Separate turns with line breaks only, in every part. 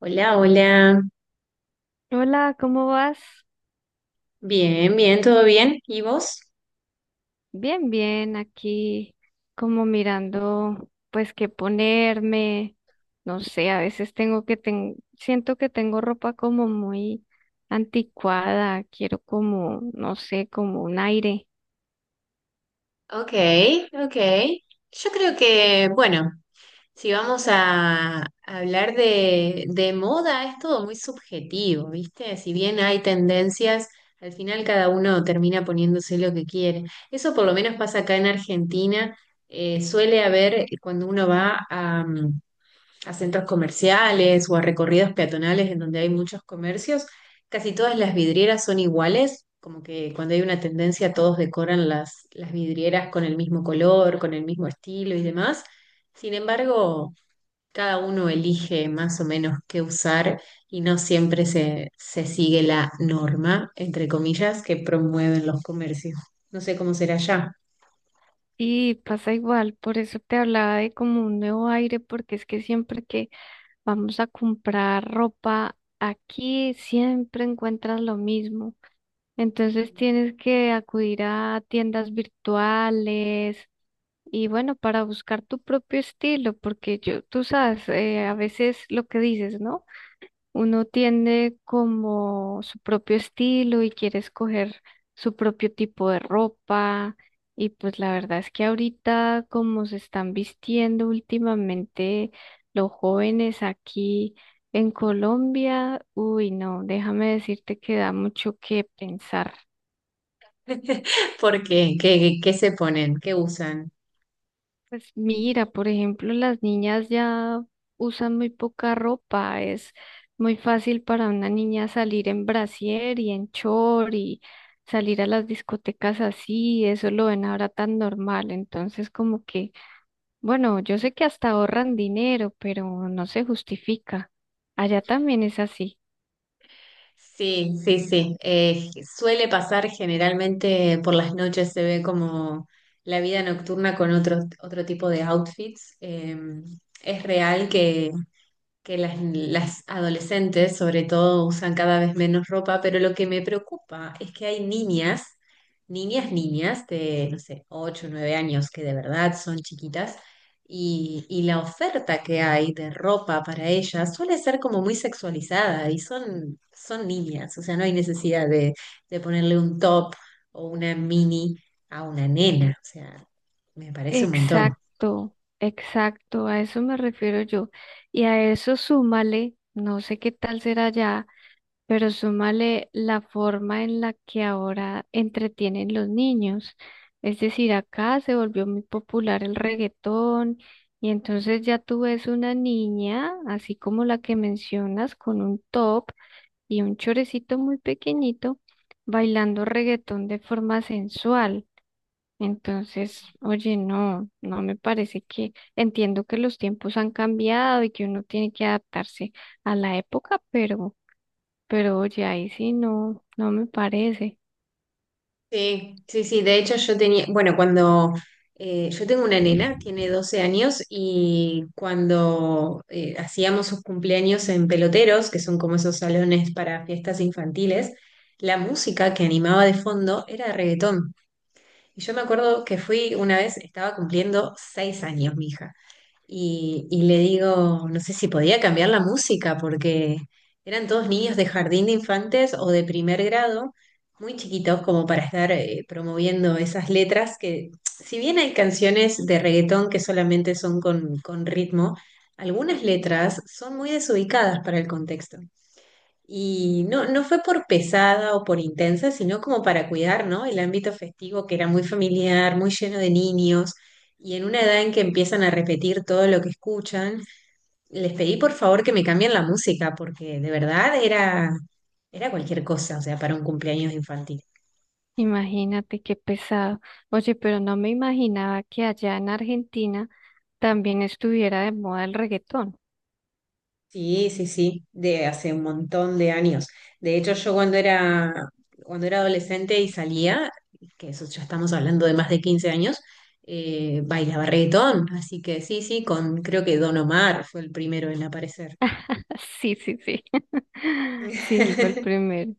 Hola, hola.
Hola, ¿cómo vas?
Bien, bien, todo bien. ¿Y vos?
Bien, bien, aquí como mirando pues qué ponerme, no sé, a veces tengo siento que tengo ropa como muy anticuada, quiero como, no sé, como un aire.
Ok, ok. Yo creo que, bueno, si vamos a hablar de moda, es todo muy subjetivo, ¿viste? Si bien hay tendencias, al final cada uno termina poniéndose lo que quiere. Eso por lo menos pasa acá en Argentina. Suele haber, cuando uno va a a centros comerciales o a recorridos peatonales en donde hay muchos comercios, casi todas las vidrieras son iguales, como que cuando hay una tendencia todos decoran las vidrieras con el mismo color, con el mismo estilo y demás. Sin embargo, cada uno elige más o menos qué usar y no siempre se sigue la norma, entre comillas, que promueven los comercios. No sé cómo será ya.
Y pasa igual, por eso te hablaba de como un nuevo aire, porque es que siempre que vamos a comprar ropa aquí, siempre encuentras lo mismo. Entonces tienes que acudir a tiendas virtuales y bueno, para buscar tu propio estilo, porque yo, tú sabes, a veces lo que dices, ¿no? Uno tiene como su propio estilo y quiere escoger su propio tipo de ropa y pues la verdad es que ahorita como se están vistiendo últimamente los jóvenes aquí en Colombia, uy, no, déjame decirte que da mucho que pensar.
¿Por qué? ¿Qué se ponen? ¿Qué usan?
Pues mira, por ejemplo, las niñas ya usan muy poca ropa. Es muy fácil para una niña salir en brasier y en chor y salir a las discotecas así. Eso lo ven ahora tan normal. Entonces, como que, bueno, yo sé que hasta ahorran dinero, pero no se justifica. Allá también es así.
Sí, sí, sí. Suele pasar generalmente por las noches, se ve como la vida nocturna con otro tipo de outfits. Es real que las adolescentes sobre todo usan cada vez menos ropa, pero lo que me preocupa es que hay niñas, niñas de, no sé, 8 o 9 años que de verdad son chiquitas y la oferta que hay de ropa para ellas suele ser como muy sexualizada y son niñas, o sea, no hay necesidad de ponerle un top o una mini a una nena, o sea, me parece un montón.
Exacto, exacto. A eso me refiero yo. Y a eso súmale, no sé qué tal será allá. Pero súmale la forma en la que ahora entretienen los niños. Es decir, acá se volvió muy popular el reggaetón y entonces ya tú ves una niña, así como la que mencionas, con un top y un chorecito muy pequeñito, bailando reggaetón de forma sensual. Entonces, oye, no, no me parece que entiendo que los tiempos han cambiado y que uno tiene que adaptarse a la época, pero... Pero oye, ahí sí no, no me parece.
Sí, sí, sí, de hecho yo tenía, bueno, cuando yo tengo una nena, tiene 12 años y cuando hacíamos sus cumpleaños en peloteros, que son como esos salones para fiestas infantiles, la música que animaba de fondo era reggaetón. Y yo me acuerdo que fui una vez, estaba cumpliendo 6 años mi hija, y le digo, no sé si podía cambiar la música, porque eran todos niños de jardín de infantes o de primer grado, muy chiquitos como para estar promoviendo esas letras que, si bien hay canciones de reggaetón que solamente son con ritmo, algunas letras son muy desubicadas para el contexto. Y no, no fue por pesada o por intensa, sino como para cuidar, ¿no? El ámbito festivo que era muy familiar, muy lleno de niños, y en una edad en que empiezan a repetir todo lo que escuchan, les pedí por favor que me cambien la música, porque de verdad era, era cualquier cosa, o sea, para un cumpleaños infantil.
Imagínate qué pesado. Oye, pero no me imaginaba que allá en Argentina también estuviera de moda el reggaetón.
Sí, sí, sí, de hace un montón de años. De hecho, cuando era adolescente y salía, que eso ya estamos hablando de más de 15 años, bailaba reggaetón. Así que sí, sí, con creo que Don Omar fue el primero en aparecer.
Sí, sí, sí. Sí, él fue el primero.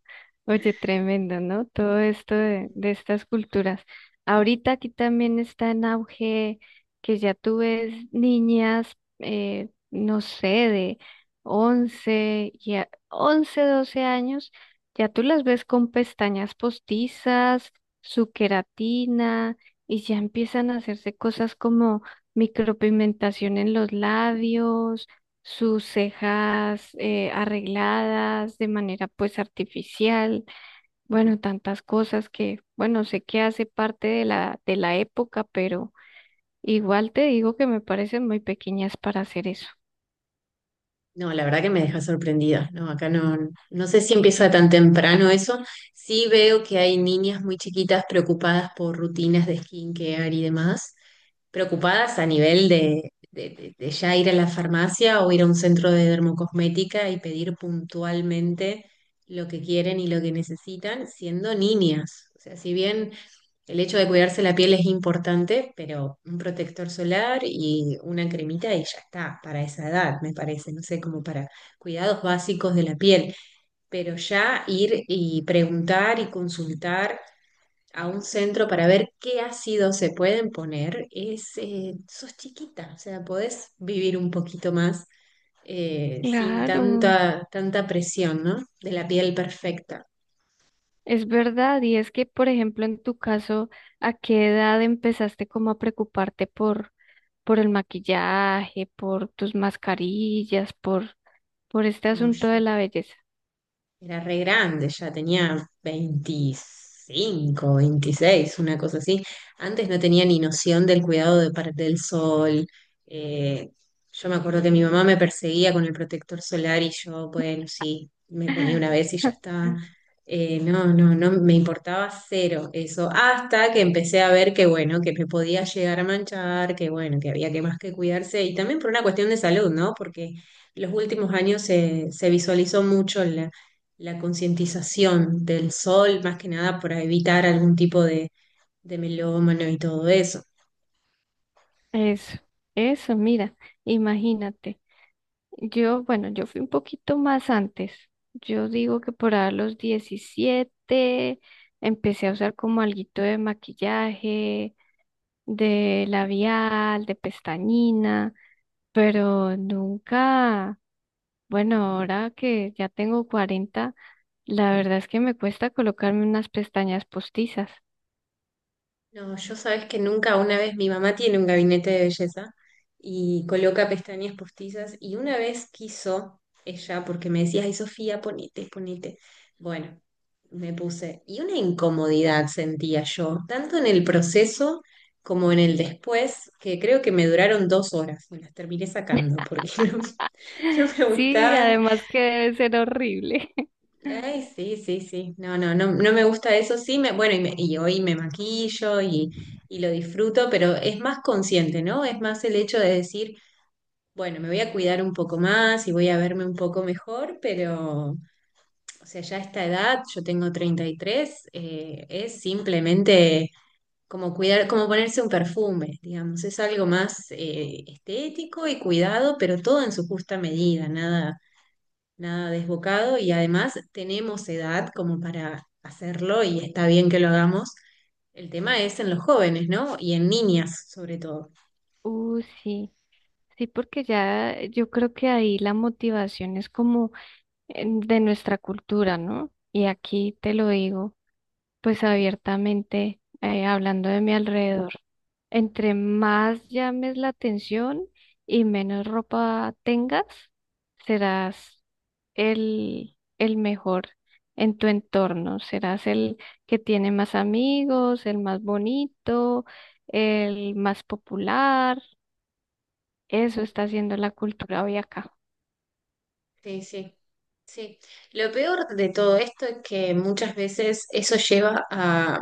Oye, tremendo, ¿no? Todo esto de estas culturas. Ahorita aquí también está en auge que ya tú ves niñas, no sé, de 11, ya, 11 12 años, ya tú las ves con pestañas postizas, su queratina, y ya empiezan a hacerse cosas como micropigmentación en los labios, sus cejas arregladas de manera pues artificial, bueno, tantas cosas que, bueno, sé que hace parte de la época, pero igual te digo que me parecen muy pequeñas para hacer eso.
No, la verdad que me deja sorprendida. No, acá no, no sé si empieza tan temprano eso. Sí veo que hay niñas muy chiquitas preocupadas por rutinas de skincare y demás, preocupadas a nivel de ya ir a la farmacia o ir a un centro de dermocosmética y pedir puntualmente lo que quieren y lo que necesitan, siendo niñas. O sea, si bien el hecho de cuidarse la piel es importante, pero un protector solar y una cremita y ya está, para esa edad, me parece, no sé, como para cuidados básicos de la piel, pero ya ir y preguntar y consultar a un centro para ver qué ácidos se pueden poner, es, sos chiquita, o sea, podés vivir un poquito más sin
Claro,
tanta presión, ¿no? De la piel perfecta.
es verdad, y es que, por ejemplo, en tu caso, ¿a qué edad empezaste como a preocuparte por, el maquillaje, por tus mascarillas, por este
No,
asunto de
yo
la belleza?
era re grande, ya tenía 25 26 una cosa así. Antes no tenía ni noción del del sol. Eh, yo me acuerdo que mi mamá me perseguía con el protector solar y yo, bueno, sí, me ponía una vez y ya está. No, me importaba cero eso, hasta que empecé a ver que, bueno, que me podía llegar a manchar, que, bueno, que había que más que cuidarse y también por una cuestión de salud, ¿no? Porque los últimos años se visualizó mucho la concientización del sol, más que nada para evitar algún tipo de melómano y todo eso.
Eso, eso, mira, imagínate. Yo, bueno, yo fui un poquito más antes. Yo digo que por a los 17 empecé a usar como alguito de maquillaje, de labial, de pestañina, pero nunca, bueno, ahora que ya tengo 40, la verdad es que me cuesta colocarme unas pestañas postizas.
No, yo sabes que nunca, una vez mi mamá tiene un gabinete de belleza y coloca pestañas postizas y una vez quiso ella, porque me decía, ay Sofía, ponete, ponete. Bueno, me puse y una incomodidad sentía yo, tanto en el proceso como en el después, que creo que me duraron 2 horas, me las terminé sacando porque no, no me
Sí,
gustaban.
además que debe ser horrible.
Ay, sí, sí, sí. No, no, no, no me gusta eso. Sí, me, bueno, y hoy me maquillo y lo disfruto, pero es más consciente, ¿no? Es más el hecho de decir, bueno, me voy a cuidar un poco más y voy a verme un poco mejor, pero, o sea, ya a esta edad, yo tengo 33, es simplemente como cuidar, como ponerse un perfume, digamos. Es algo más estético y cuidado, pero todo en su justa medida, nada desbocado y además tenemos edad como para hacerlo y está bien que lo hagamos. El tema es en los jóvenes, ¿no? Y en niñas, sobre todo.
Sí. Sí, porque ya yo creo que ahí la motivación es como de nuestra cultura, ¿no? Y aquí te lo digo, pues abiertamente, hablando de mi alrededor, entre más llames la atención y menos ropa tengas, serás el mejor en tu entorno, serás el que tiene más amigos, el más bonito, el más popular. Eso está haciendo la cultura hoy acá.
Sí, sí, sí. Lo peor de todo esto es que muchas veces eso lleva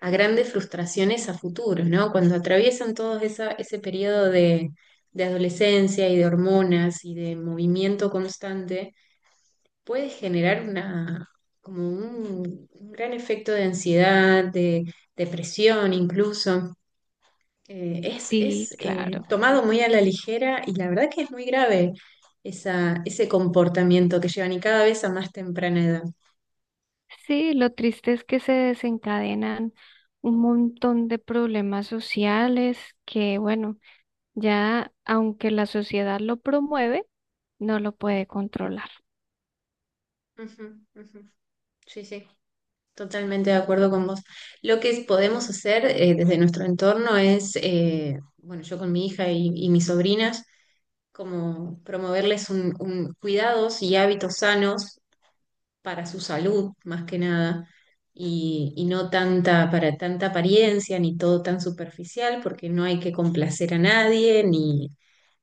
a grandes frustraciones a futuros, ¿no? Cuando atraviesan ese periodo de adolescencia y de hormonas y de movimiento constante. Puede generar como un gran efecto de ansiedad, de depresión incluso.
Sí,
Es
claro.
tomado muy a la ligera y la verdad que es muy grave esa, ese comportamiento que llevan y cada vez a más temprana edad.
Sí, lo triste es que se desencadenan un montón de problemas sociales que, bueno, ya aunque la sociedad lo promueve, no lo puede controlar.
Ujú, ujú. Sí, sí, totalmente de acuerdo con vos. Lo que podemos hacer desde nuestro entorno es, bueno, yo con mi hija y mis sobrinas, como promoverles un cuidados y hábitos sanos para su salud más que nada y, y no tanta para tanta apariencia ni todo tan superficial porque no hay que complacer a nadie ni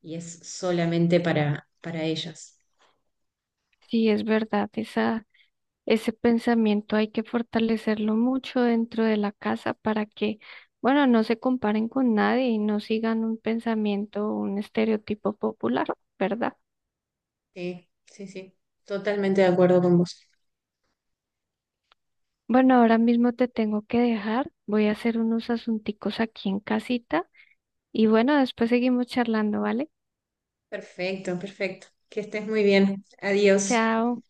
y es solamente para ellas.
Sí, es verdad, esa, ese pensamiento hay que fortalecerlo mucho dentro de la casa para que, bueno, no se comparen con nadie y no sigan un pensamiento, un estereotipo popular, ¿verdad?
Sí, sí, sí, totalmente de acuerdo con vos.
Bueno, ahora mismo te tengo que dejar. Voy a hacer unos asunticos aquí en casita y bueno, después seguimos charlando, ¿vale?
Perfecto, perfecto. Que estés muy bien. Adiós.
Chao.